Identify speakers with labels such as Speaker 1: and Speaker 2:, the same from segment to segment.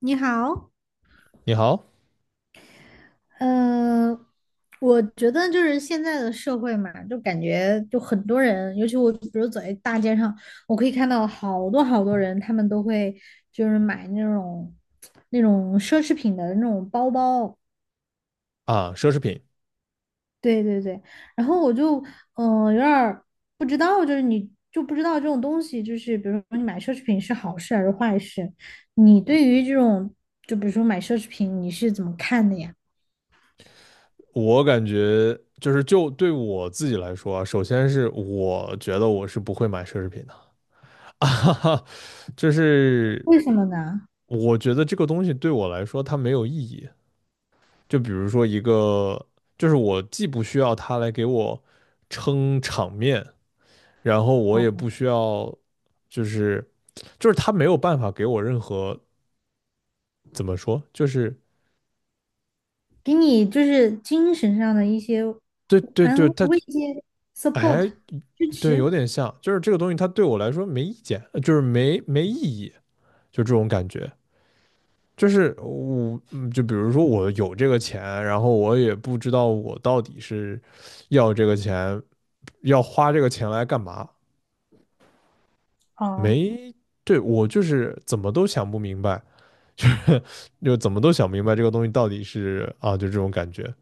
Speaker 1: 你好，
Speaker 2: 你好。
Speaker 1: 呃，我觉得就是现在的社会嘛，就感觉就很多人，尤其我比如走在大街上，我可以看到好多好多人，他们都会就是买那种奢侈品的那种包包。
Speaker 2: 啊，奢侈品。
Speaker 1: 对对对，然后我就有点儿不知道，就是你就不知道这种东西，就是比如说你买奢侈品是好事还是坏事，你对于这种就比如说买奢侈品你是怎么看的呀？
Speaker 2: 我感觉就对我自己来说啊，首先是我觉得我是不会买奢侈品的 啊哈哈，就是
Speaker 1: 为什么呢？
Speaker 2: 我觉得这个东西对我来说它没有意义。就比如说一个，就是我既不需要它来给我撑场面，然后我也
Speaker 1: 哦。
Speaker 2: 不需要。就是就是它没有办法给我任何怎么说，就是
Speaker 1: 给你就是精神上的一些
Speaker 2: 对对
Speaker 1: 安
Speaker 2: 对，
Speaker 1: 慰
Speaker 2: 它
Speaker 1: 慰藉、support
Speaker 2: 哎，
Speaker 1: 支
Speaker 2: 对，有
Speaker 1: 持。
Speaker 2: 点像，就是这个东西它对我来说没意见，就是没意义，就这种感觉。就是我，就比如说我有这个钱，然后我也不知道我到底是要这个钱，要花这个钱来干嘛？
Speaker 1: 哦。
Speaker 2: 没，对，我就是怎么都想不明白。就是就怎么都想不明白这个东西到底是啊，就这种感觉。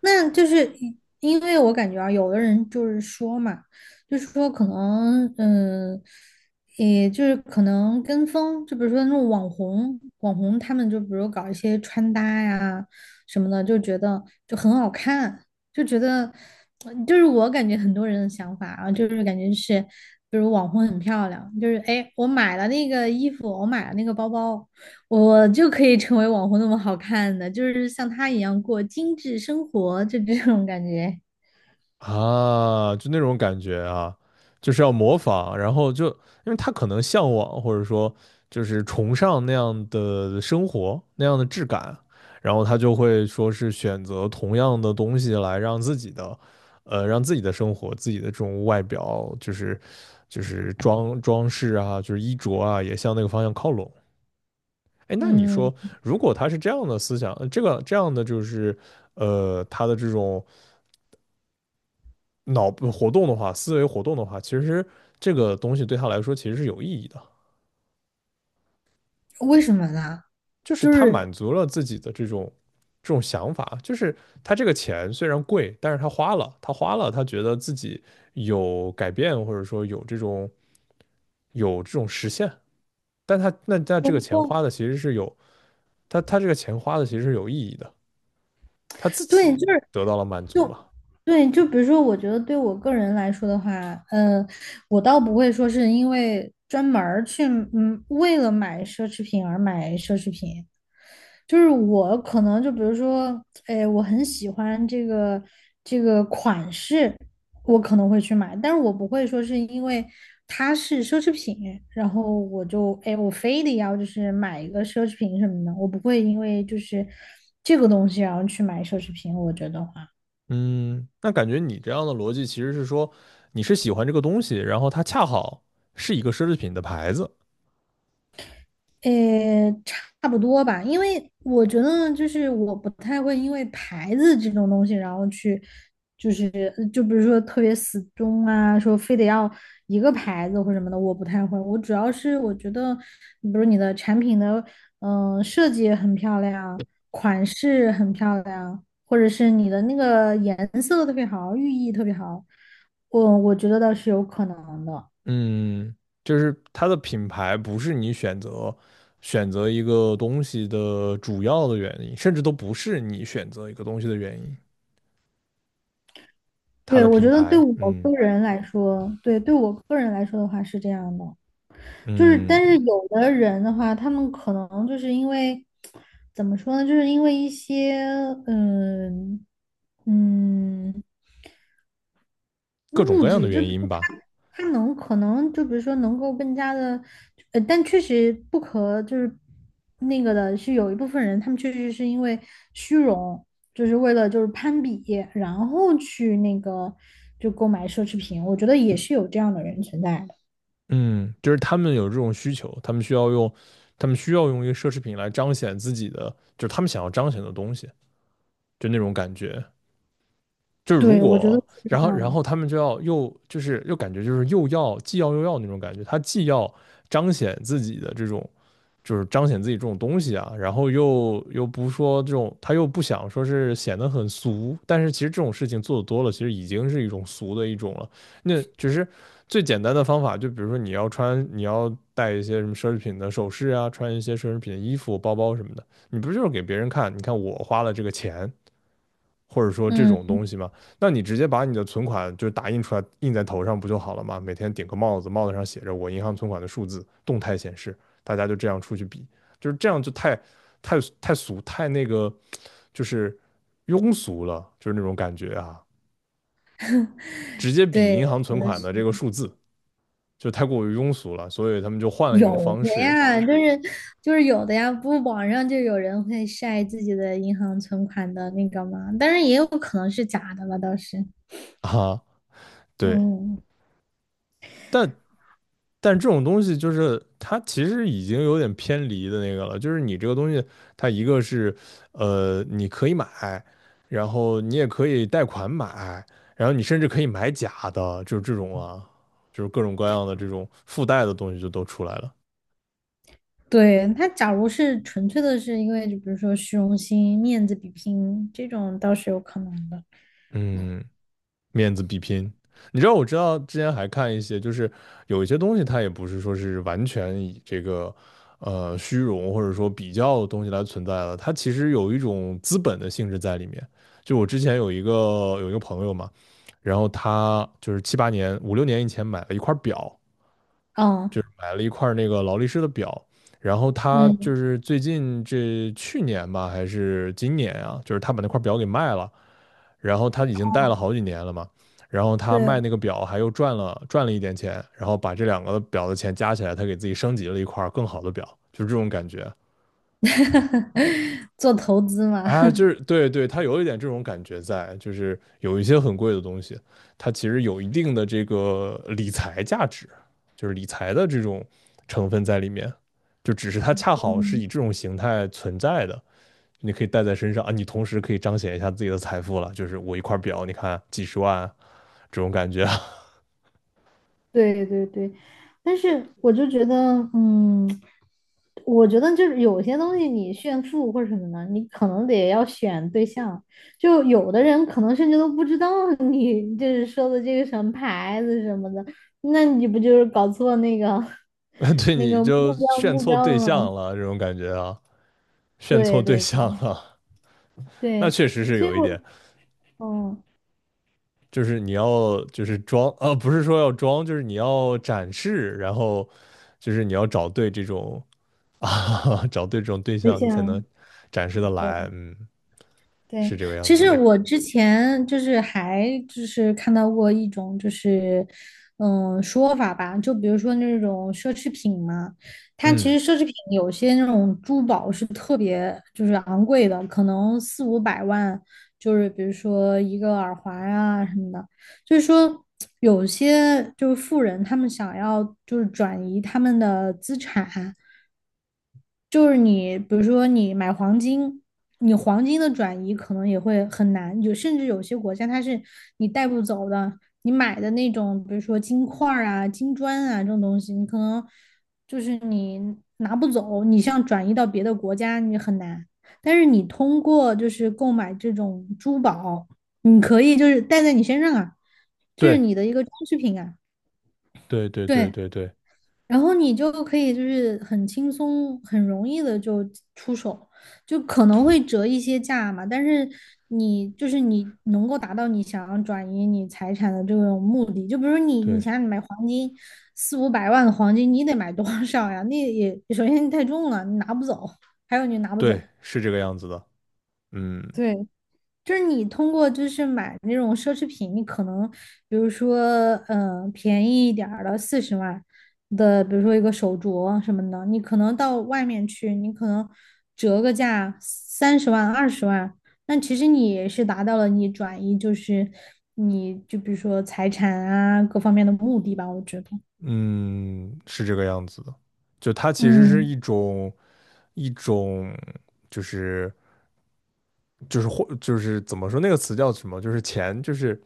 Speaker 1: 那就是因为我感觉啊，有的人就是说嘛，就是说可能，也就是可能跟风，就比如说那种网红，他们就比如搞一些穿搭呀什么的，就觉得就很好看，就觉得，就是我感觉很多人的想法啊，就是感觉是，比如网红很漂亮，就是哎，我买了那个衣服，我买了那个包包。我就可以成为网红那么好看的，就是像他一样过精致生活，就这种感觉。
Speaker 2: 啊，就那种感觉啊，就是要模仿，然后就因为他可能向往或者说就是崇尚那样的生活，那样的质感，然后他就会说是选择同样的东西来让自己的，让自己的生活、自己的这种外表，就是装饰啊，就是衣着啊，也向那个方向靠拢。哎，那你
Speaker 1: 嗯，
Speaker 2: 说，如果他是这样的思想，这个这样的就是，他的这种。脑部活动的话，思维活动的话，其实这个东西对他来说其实是有意义的，
Speaker 1: 为什么呢？
Speaker 2: 就是
Speaker 1: 就
Speaker 2: 他
Speaker 1: 是
Speaker 2: 满足了自己的这种想法，就是他这个钱虽然贵，但是他花了，他觉得自己有改变，或者说有这种实现，但他那他
Speaker 1: 收
Speaker 2: 这个钱
Speaker 1: 获。
Speaker 2: 花的其实是有他这个钱花的其实是有意义的，他自
Speaker 1: 对，
Speaker 2: 己得到了满足
Speaker 1: 就
Speaker 2: 嘛。
Speaker 1: 对，就比如说，我觉得对我个人来说的话，呃，我倒不会说是因为专门儿去，为了买奢侈品而买奢侈品。就是我可能就比如说，哎，我很喜欢这个款式，我可能会去买，但是我不会说是因为它是奢侈品，然后我就哎，我非得要就是买一个奢侈品什么的，我不会因为就是这个东西然后去买奢侈品，我觉得。
Speaker 2: 嗯，那感觉你这样的逻辑其实是说，你是喜欢这个东西，然后它恰好是一个奢侈品的牌子。
Speaker 1: 诶，差不多吧，因为我觉得就是我不太会因为牌子这种东西，然后去就是就比如说特别死忠啊，说非得要一个牌子或什么的，我不太会。我主要是我觉得，比如你的产品的设计很漂亮，款式很漂亮，或者是你的那个颜色特别好，寓意特别好，我觉得倒是有可能的。
Speaker 2: 嗯，就是它的品牌不是你选择一个东西的主要的原因，甚至都不是你选择一个东西的原因，它
Speaker 1: 对，
Speaker 2: 的
Speaker 1: 我
Speaker 2: 品
Speaker 1: 觉得对
Speaker 2: 牌，
Speaker 1: 我个人来说，对，对我个人来说的话是这样的，就是但是
Speaker 2: 嗯，
Speaker 1: 有的人的话，他们可能就是因为怎么说呢，就是因为一些嗯嗯
Speaker 2: 各种
Speaker 1: 物
Speaker 2: 各样的
Speaker 1: 质，就
Speaker 2: 原
Speaker 1: 比
Speaker 2: 因
Speaker 1: 如
Speaker 2: 吧。
Speaker 1: 它能可能就比如说能够更加的，但确实不可就是那个的是有一部分人，他们确实是因为虚荣，就是为了就是攀比，然后去那个就购买奢侈品，我觉得也是有这样的人存在的。
Speaker 2: 嗯，就是他们有这种需求，他们需要用，他们需要用一个奢侈品来彰显自己的，就是他们想要彰显的东西，就那种感觉，就是如
Speaker 1: 对，我觉得
Speaker 2: 果，
Speaker 1: 是
Speaker 2: 然
Speaker 1: 这
Speaker 2: 后
Speaker 1: 样
Speaker 2: 然后
Speaker 1: 的。
Speaker 2: 他们就要又就是又感觉就是又要既要又要那种感觉，他既要彰显自己的这种就是彰显自己这种东西啊，然后又不说这种，他又不想说是显得很俗，但是其实这种事情做的多了，其实已经是一种俗的一种了。那只是最简单的方法，就比如说你要穿，你要带一些什么奢侈品的首饰啊，穿一些奢侈品的衣服、包包什么的，你不就是给别人看？你看我花了这个钱，或者说这种
Speaker 1: 嗯，
Speaker 2: 东西嘛，那你直接把你的存款就打印出来印在头上不就好了吗？每天顶个帽子，帽子上写着我银行存款的数字，动态显示，大家就这样出去比，就是这样就太太太俗太那个，就是庸俗了，就是那种感觉啊，直接比
Speaker 1: 对，
Speaker 2: 银行存
Speaker 1: 我觉得
Speaker 2: 款
Speaker 1: 是。
Speaker 2: 的这个数字就太过于庸俗了，所以他们就换了一种
Speaker 1: 有
Speaker 2: 方
Speaker 1: 的
Speaker 2: 式
Speaker 1: 呀，就是有的呀，不网上就有人会晒自己的银行存款的那个嘛，但是也有可能是假的吧，倒是。
Speaker 2: 啊，对，
Speaker 1: 嗯，
Speaker 2: 但但这种东西就是它其实已经有点偏离的那个了，就是你这个东西，它一个是你可以买，然后你也可以贷款买，然后你甚至可以买假的，就是这种啊，就是各种各样的这种附带的东西就都出来了。
Speaker 1: 对，他假如是纯粹的是因为就比如说虚荣心、面子比拼这种倒是有可能的。
Speaker 2: 嗯面子比拼。你知道，我知道之前还看一些，就是有一些东西，它也不是说是完全以这个虚荣或者说比较的东西来存在的，它其实有一种资本的性质在里面。就我之前有一个朋友嘛，然后他就是七八年五六年以前买了一块表，
Speaker 1: 哦，
Speaker 2: 就是买了一块那个劳力士的表，然后他就
Speaker 1: 嗯，
Speaker 2: 是最近这去年吧还是今年啊，就是他把那块表给卖了。然后他已经戴了好几年了嘛，然后他卖
Speaker 1: 对，
Speaker 2: 那个表还又赚了一点钱，然后把这两个表的钱加起来，他给自己升级了一块更好的表，就是这种感觉。
Speaker 1: 做投资嘛，
Speaker 2: 哎，就是对对，他有一点这种感觉在，就是有一些很贵的东西，它其实有一定的这个理财价值，就是理财的这种成分在里面，就只是它 恰好是
Speaker 1: 嗯。
Speaker 2: 以这种形态存在的。你可以带在身上啊，你同时可以彰显一下自己的财富了，就是我一块表，你看几十万啊，这种感觉。
Speaker 1: 对对对，但是我就觉得，嗯，我觉得就是有些东西你炫富或者什么的，你可能得要选对象。就有的人可能甚至都不知道 你就是说的这个什么牌子什么的，那你不就是搞错那个
Speaker 2: 对
Speaker 1: 那
Speaker 2: 你
Speaker 1: 个
Speaker 2: 就
Speaker 1: 目标
Speaker 2: 炫
Speaker 1: 目
Speaker 2: 错
Speaker 1: 标
Speaker 2: 对
Speaker 1: 了吗？
Speaker 2: 象了，这种感觉啊，炫错
Speaker 1: 对
Speaker 2: 对
Speaker 1: 对
Speaker 2: 象
Speaker 1: 对
Speaker 2: 了。那
Speaker 1: 对，
Speaker 2: 确实是
Speaker 1: 所以
Speaker 2: 有一点，
Speaker 1: 我，嗯，
Speaker 2: 就是你要就是装，不是说要装，就是你要展示，然后就是你要找对这种 啊，找对这种对
Speaker 1: 对
Speaker 2: 象，你才能
Speaker 1: 象。
Speaker 2: 展示的
Speaker 1: 对。
Speaker 2: 来。嗯，是
Speaker 1: 对，
Speaker 2: 这个样
Speaker 1: 其
Speaker 2: 子
Speaker 1: 实
Speaker 2: 的。
Speaker 1: 我之前就是还就是看到过一种就是嗯说法吧，就比如说那种奢侈品嘛，它
Speaker 2: 嗯，
Speaker 1: 其实奢侈品有些那种珠宝是特别就是昂贵的，可能四五百万，就是比如说一个耳环啊什么的，就是说有些就是富人他们想要就是转移他们的资产。就是你，比如说你买黄金，你黄金的转移可能也会很难，有甚至有些国家它是你带不走的，你买的那种，比如说金块儿啊、金砖啊这种东西，你可能就是你拿不走，你像转移到别的国家你很难，但是你通过就是购买这种珠宝，你可以就是带在你身上啊，就是
Speaker 2: 对，
Speaker 1: 你的一个装饰品啊，
Speaker 2: 对对对
Speaker 1: 对。
Speaker 2: 对对
Speaker 1: 然后你就可以就是很轻松、很容易的就出手，就可能会折一些价嘛，但是你就是你能够达到你想要转移你财产的这种目的，就比如你
Speaker 2: 对
Speaker 1: 想你买黄金四五百万的黄金，你得买多少呀？那也首先太重了，你拿不走，还有你拿不
Speaker 2: 对，
Speaker 1: 走。
Speaker 2: 是这个样子的。嗯
Speaker 1: 对，就是你通过就是买那种奢侈品，你可能比如说，便宜一点儿的40万的，比如说一个手镯什么的，你可能到外面去，你可能折个价30万、20万，那其实你也是达到了你转移，就是你就比如说财产啊各方面的目的吧，我觉得。
Speaker 2: 嗯，是这个样子的。就它其实是
Speaker 1: 嗯，
Speaker 2: 一种就是就是或就是怎么说那个词叫什么？就是钱，就是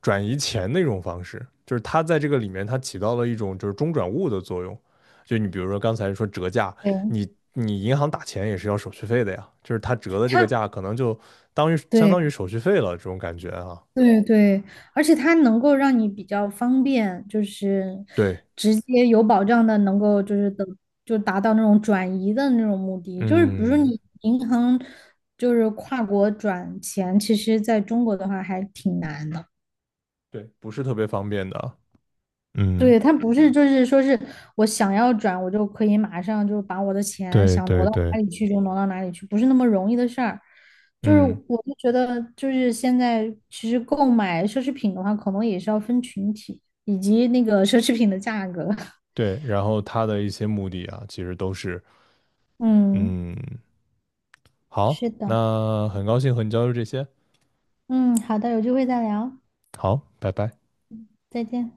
Speaker 2: 转移钱的一种方式，就是它在这个里面它起到了一种就是中转物的作用。就你比如说刚才说折价，
Speaker 1: 对，
Speaker 2: 你你银行打钱也是要手续费的呀，就是它折的这个
Speaker 1: 他
Speaker 2: 价可能就当于相
Speaker 1: 对，
Speaker 2: 当于手续费了这种感觉啊。
Speaker 1: 对对，而且它能够让你比较方便，就是
Speaker 2: 对，
Speaker 1: 直接有保障的，能够就是等就达到那种转移的那种目的。就是比如说
Speaker 2: 嗯，
Speaker 1: 你银行就是跨国转钱，其实在中国的话还挺难的。
Speaker 2: 对，不是特别方便的。嗯，
Speaker 1: 对，他不是就是说是我想要转，我就可以马上就把我的钱
Speaker 2: 对
Speaker 1: 想挪
Speaker 2: 对
Speaker 1: 到
Speaker 2: 对，
Speaker 1: 哪里去就挪到哪里去，不是那么容易的事儿。就是
Speaker 2: 嗯
Speaker 1: 我就觉得，就是现在其实购买奢侈品的话，可能也是要分群体以及那个奢侈品的价格。
Speaker 2: 对，然后它的一些目的啊，其实都是
Speaker 1: 嗯，
Speaker 2: 嗯好，
Speaker 1: 是的，
Speaker 2: 那很高兴和你交流这些。
Speaker 1: 嗯，好的，有机会再聊，
Speaker 2: 好，拜拜。
Speaker 1: 再见。